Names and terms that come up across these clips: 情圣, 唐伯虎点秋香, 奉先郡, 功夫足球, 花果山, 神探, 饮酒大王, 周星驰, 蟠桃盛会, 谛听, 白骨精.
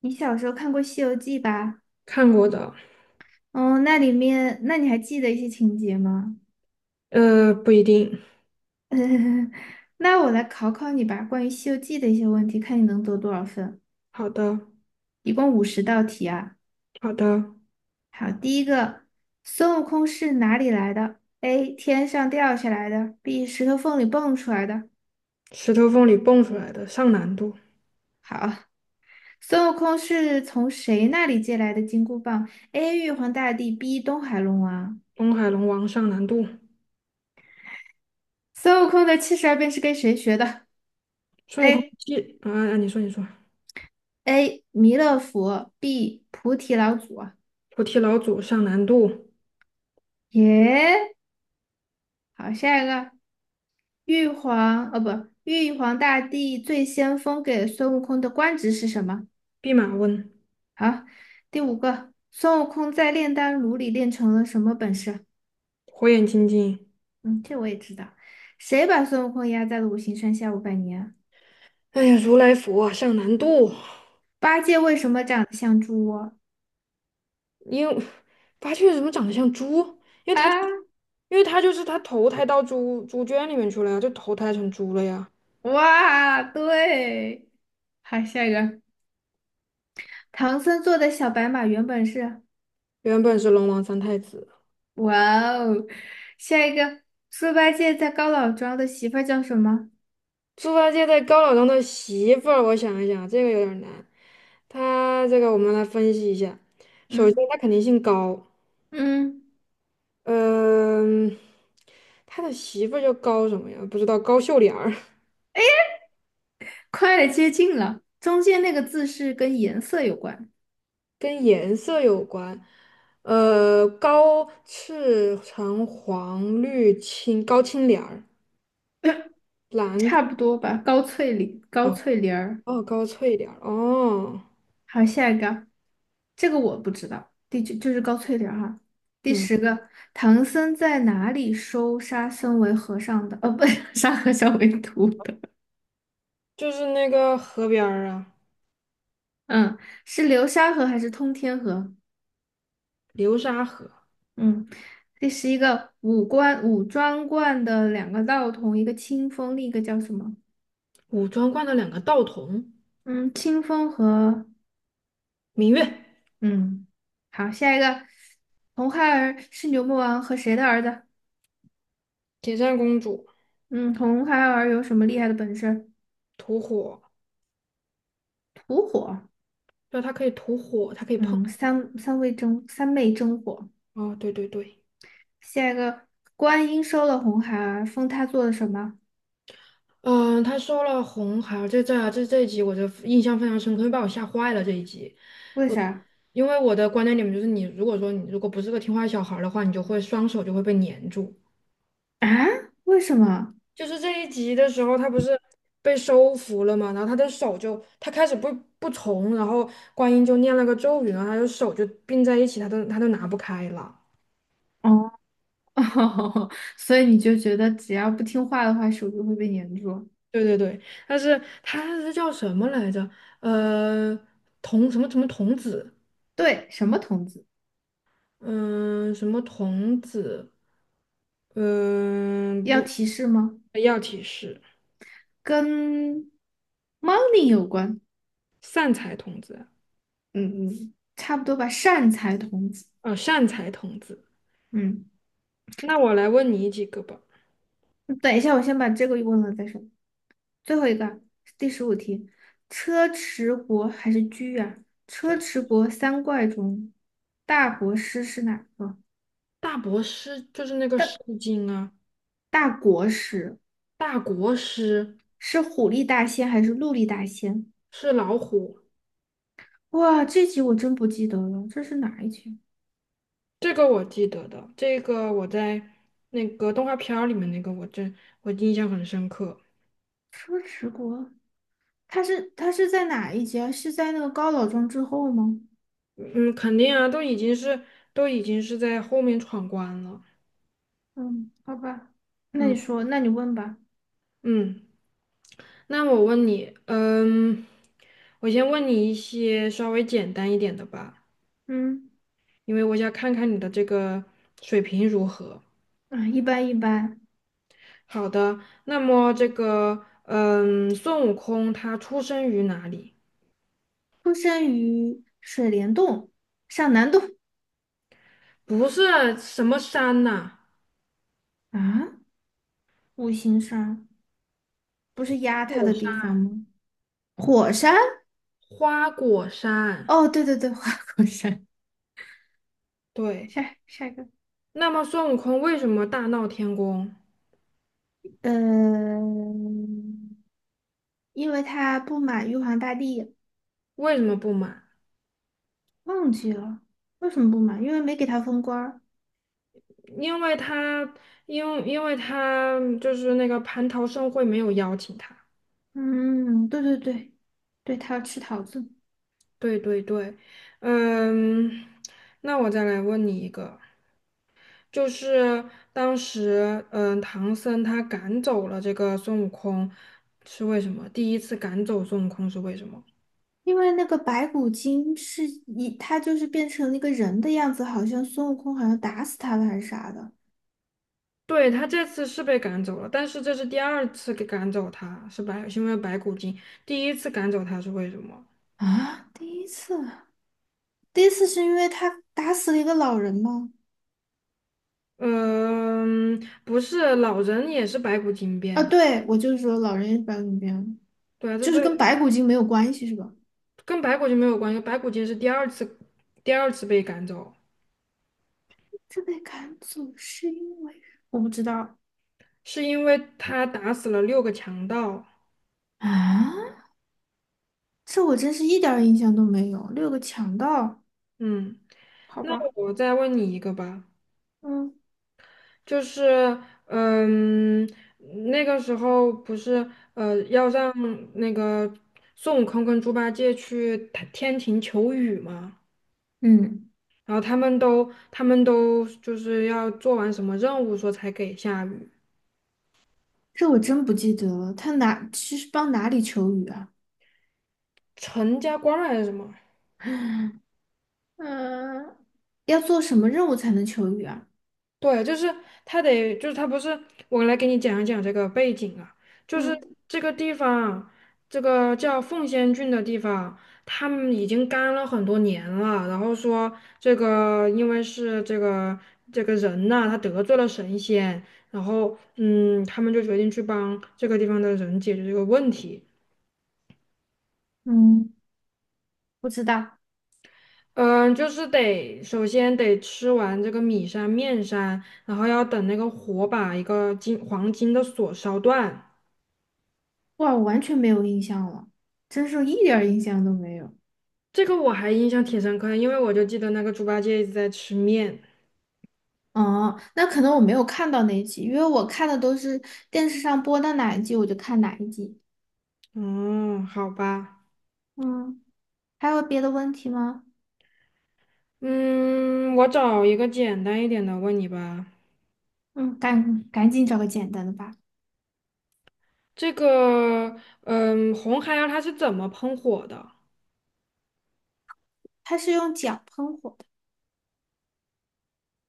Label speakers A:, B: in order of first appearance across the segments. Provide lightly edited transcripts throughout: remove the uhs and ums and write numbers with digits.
A: 你小时候看过《西游记》吧？
B: 看过的，
A: 哦，那里面，那你还记得一些情节吗？
B: 不一定。
A: 那我来考考你吧，关于《西游记》的一些问题，看你能得多少分。
B: 好的，
A: 一共50道题啊。
B: 好的。
A: 好，第一个，孙悟空是哪里来的？A. 天上掉下来的；B. 石头缝里蹦出来的。
B: 石头缝里蹦出来的，上难度。
A: 好，孙悟空是从谁那里借来的金箍棒？A. 玉皇大帝，B. 东海龙王。
B: 东海龙王上难度。
A: 孙悟空的七十二变是跟谁学的
B: 孙悟空
A: ？A.
B: 替啊啊，你说你说。
A: A. 弥勒佛，B. 菩提老祖啊。
B: 菩提老祖上难度。
A: 耶，好，下一个，玉皇，哦不，玉皇大帝最先封给孙悟空的官职是什么？
B: 弼马温，
A: 好，第五个，孙悟空在炼丹炉里练成了什么本事？
B: 火眼金睛。
A: 嗯，这我也知道。谁把孙悟空压在了五行山下500年？
B: 哎呀，如来佛啊上难度。
A: 八戒为什么长得像猪窝？
B: 因为八戒怎么长得像猪？因为
A: 啊，
B: 他因为他就是他投胎到猪猪圈里面去了呀，就投胎成猪了呀。
A: 哇，对，好，下一个，唐僧坐的小白马原本是。
B: 原本是龙王三太子。
A: 哇哦，下一个，猪八戒在高老庄的媳妇儿叫什么？
B: 猪八戒在高老庄的媳妇儿，我想一想，这个有点儿难。他这个我们来分析一下。首先，
A: 嗯
B: 他肯定姓高，
A: 嗯，
B: 嗯，他的媳妇儿叫高什么呀？不知道，高秀莲儿，
A: 快接近了，中间那个字是跟颜色有关，
B: 跟颜色有关。高赤橙黄绿青，高青莲儿，蓝。
A: 差不多吧？高翠玲，高
B: 哦，
A: 翠玲儿。
B: 哦，高翠莲儿哦，
A: 好，下一个，这个我不知道，第九就是高翠玲儿哈。第
B: 嗯，
A: 十个，唐僧在哪里收沙僧为和尚的？哦，不，沙和尚为徒的。
B: 就是那个河边儿啊，
A: 嗯，是流沙河还是通天河？
B: 流沙河，
A: 嗯，这是一个五庄观的两个道童，一个清风，另一个叫什么？
B: 武装观的两个道童，
A: 嗯，清风和
B: 芈月。
A: 嗯，好，下一个，红孩儿是牛魔王和谁的儿子？
B: 铁扇公主
A: 嗯，红孩儿有什么厉害的本事？
B: 吐火，
A: 吐火。
B: 对，她可以吐火，她可以碰。
A: 嗯，三昧真火。
B: 哦，对对对，
A: 下一个，观音收了红孩儿，封他做了什么？
B: 嗯、她收了红孩儿，这一集我就印象非常深刻，因为把我吓坏了这一集。
A: 为
B: 我
A: 啥？
B: 因为我的观念里面就是你，如果说你如果不是个听话小孩儿的话，你就会双手就会被粘住。
A: 啊？为什么？
B: 就是这一集的时候，他不是被收服了嘛，然后他的手就，他开始不从，然后观音就念了个咒语，然后他的手就并在一起，他都拿不开了。
A: 哦，所以你就觉得只要不听话的话，手就会被粘住。
B: 对对对，但是他是叫什么来着？呃，童什么什么童子，
A: 对，什么童子？
B: 嗯、什么童子，嗯、
A: 要
B: 不，
A: 提示吗？
B: 要提示，
A: 跟 money 有关。
B: 善财童子，
A: 嗯嗯，差不多吧。善财童子。
B: 善财童子。
A: 嗯，
B: 那我来问你几个吧。
A: 等一下，我先把这个问了再说。最后一个，第十五题，车迟国还是居啊？车迟国三怪中，大国师是哪个？
B: 大国师就是那个《诗
A: 大
B: 经》啊，
A: 大国师
B: 大国师
A: 是虎力大仙还是鹿力大仙？
B: 是老虎，
A: 哇，这集我真不记得了，这是哪一集？
B: 这个我记得的，这个我在那个动画片儿里面那个我印象很深刻。
A: 车迟国他是在哪一节？是在那个高老庄之后吗？
B: 嗯，肯定啊，都已经是在后面闯关了。
A: 嗯，好吧，那你
B: 嗯，
A: 说，那你问吧。
B: 嗯，那我问你，嗯，我先问你一些稍微简单一点的吧，
A: 嗯，
B: 因为我想看看你的这个水平如何。
A: 啊，一般一般。
B: 好的，那么这个，嗯，孙悟空他出生于哪里？
A: 出生于水帘洞、上南洞
B: 不是什么山呐、
A: 啊，五行山不是压他
B: 果
A: 的地
B: 山，
A: 方吗？火山？
B: 花果山。
A: 哦，对对对，花果山。
B: 对，
A: 下一个，
B: 那么孙悟空为什么大闹天宫？
A: 呃，因为他不满玉皇大帝，
B: 为什么不满？
A: 忘记了为什么不满，因为没给他封官儿。
B: 因为他，因为他就是那个蟠桃盛会没有邀请他。
A: 嗯，对对对，对，他要吃桃子，
B: 对对对，嗯，那我再来问你一个，就是当时，唐僧他赶走了这个孙悟空，是为什么？第一次赶走孙悟空是为什么？
A: 因为那个白骨精是一，他就是变成了一个人的样子，好像孙悟空好像打死他了还是啥的
B: 对，他这次是被赶走了，但是这是第二次给赶走他，是因为白骨精。第一次赶走他是为什么？
A: 啊？第一次，第一次是因为他打死了一个老人吗？
B: 嗯，不是，老人也是白骨精
A: 啊，
B: 变的。
A: 对，我就是说老人也是白骨精
B: 对啊，这
A: 就
B: 所
A: 是
B: 以
A: 跟白骨精没有关系是吧？
B: 跟白骨精没有关系，白骨精是第二次，第二次被赶走，
A: 这被赶走是因为我不知道
B: 是因为他打死了六个强盗。
A: 啊，这我真是一点儿印象都没有。6个强盗，
B: 嗯，
A: 好
B: 那
A: 吧，
B: 我再问你一个吧，
A: 嗯
B: 就是，嗯，那个时候不是，要让那个孙悟空跟猪八戒去天庭求雨吗？
A: 嗯。
B: 然后他们都就是要做完什么任务，说才给下雨。
A: 这我真不记得了。他哪是帮哪里求雨啊？
B: 陈家观还是什么？
A: 嗯，要做什么任务才能求雨啊？
B: 对，就是他得，就是他不是，我来给你讲一讲这个背景啊，就是
A: 嗯
B: 这个地方，这个叫奉先郡的地方，他们已经干了很多年了，然后说这个因为是这个这个人呐、他得罪了神仙，然后嗯，他们就决定去帮这个地方的人解决这个问题。
A: 嗯，不知道。
B: 嗯，就是得首先得吃完这个米山面山，然后要等那个火把一个金黄金的锁烧断。
A: 哇，我完全没有印象了，真是一点儿印象都没有。
B: 这个我还印象挺深刻的因为我就记得那个猪八戒一直在吃面。
A: 哦，那可能我没有看到那一集，因为我看的都是电视上播到哪一集我就看哪一集。
B: 嗯，好吧，
A: 嗯，还有别的问题吗？
B: 嗯，我找一个简单一点的问你吧。
A: 嗯，赶紧找个简单的吧。
B: 这个，嗯，红孩儿他是怎么喷火的？
A: 他是用脚喷火的，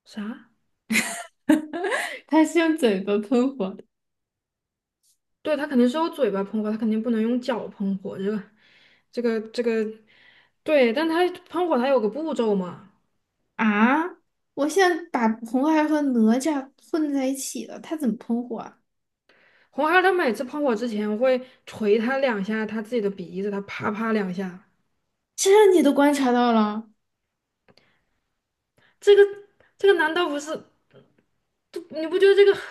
B: 啥？
A: 它是用嘴巴喷火的。
B: 对，他肯定是用嘴巴喷火，他肯定不能用脚喷火。这个，对，但他喷火他有个步骤嘛。
A: 啊，我现在把红孩儿和哪吒混在一起了，他怎么喷火啊？
B: 红孩儿他每次喷火之前会捶他两下他自己的鼻子，他啪啪两下，
A: 这你都观察到了
B: 这个这个难道不是？你不觉得这个很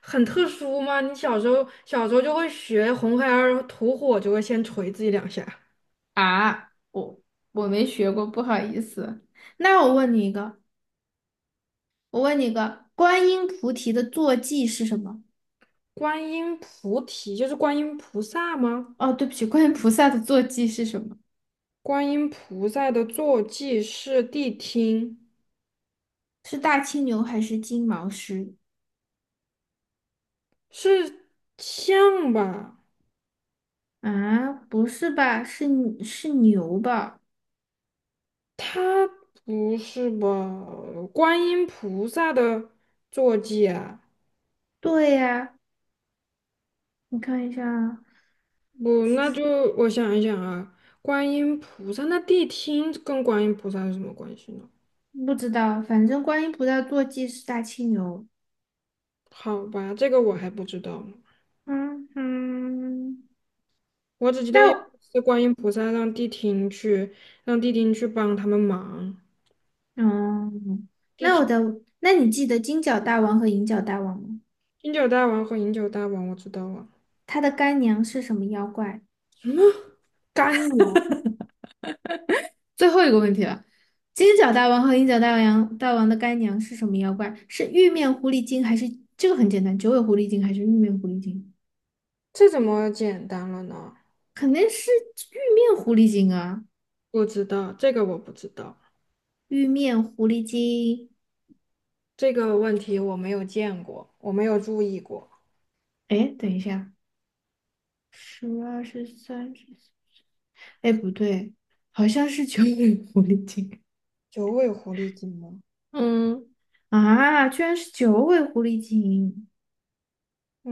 B: 很特殊吗？你小时候就会学红孩儿吐火，就会先捶自己两下。
A: 啊？我没学过，不好意思。那我问你一个，观音菩提的坐骑是什么？
B: 观音菩提就是观音菩萨吗？
A: 哦，对不起，观音菩萨的坐骑是什么？
B: 观音菩萨的坐骑是谛听，
A: 是大青牛还是金毛狮？
B: 是像吧？
A: 啊，不是吧？是是牛吧？
B: 他不是吧？观音菩萨的坐骑啊。
A: 对呀，你看一下啊
B: 不，那
A: 是
B: 就我想一想啊，观音菩萨，那谛听跟观音菩萨有什么关系呢？
A: 不知道，反正观音菩萨坐骑是大青牛。
B: 好吧，这个我还不知道呢，
A: 嗯哼，
B: 我只记得有
A: 那
B: 一次观音菩萨让谛听去，让谛听去帮他们忙。
A: 嗯，
B: 谛
A: 那我
B: 听，
A: 的，那你记得金角大王和银角大王吗？
B: 饮酒大王和饮酒大王，我知道了。
A: 他的干娘是什么妖怪？
B: 什么干娘？
A: 最后一个问题了，金角大王和银角大王的干娘是什么妖怪？是玉面狐狸精还是这个很简单，九尾狐狸精还是玉面狐狸精？
B: 这怎么简单了呢？
A: 肯定是玉面狐狸精啊，
B: 不知道，这个我不知道，
A: 玉面狐狸精。
B: 这个问题我没有见过，我没有注意过。
A: 哎，等一下，十二十三十四，哎，不对，好像是九尾狐狸精。
B: 九尾狐狸精吗？
A: 嗯，啊，居然是九尾狐狸精，
B: 哦，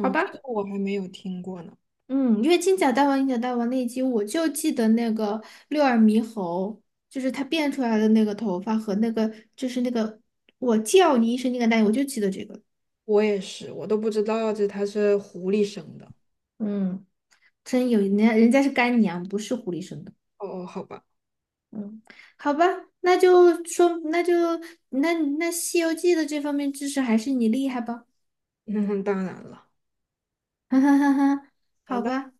A: 好
B: 这
A: 吧，
B: 个我还没有听过呢。
A: 嗯，因为金角大王、银角大王那一集，我就记得那个六耳猕猴，就是它变出来的那个头发和那个，就是那个我叫你一声那个大我就记得这个。
B: 我也是，我都不知道这它是狐狸生的。
A: 嗯，真有人家是干娘，不是狐狸生的。
B: 哦哦，好吧，
A: 嗯，好吧，那就那那《西游记》的这方面知识还是你厉害吧，
B: 那当然了。
A: 哈哈哈哈，
B: 好
A: 好
B: 的。
A: 吧。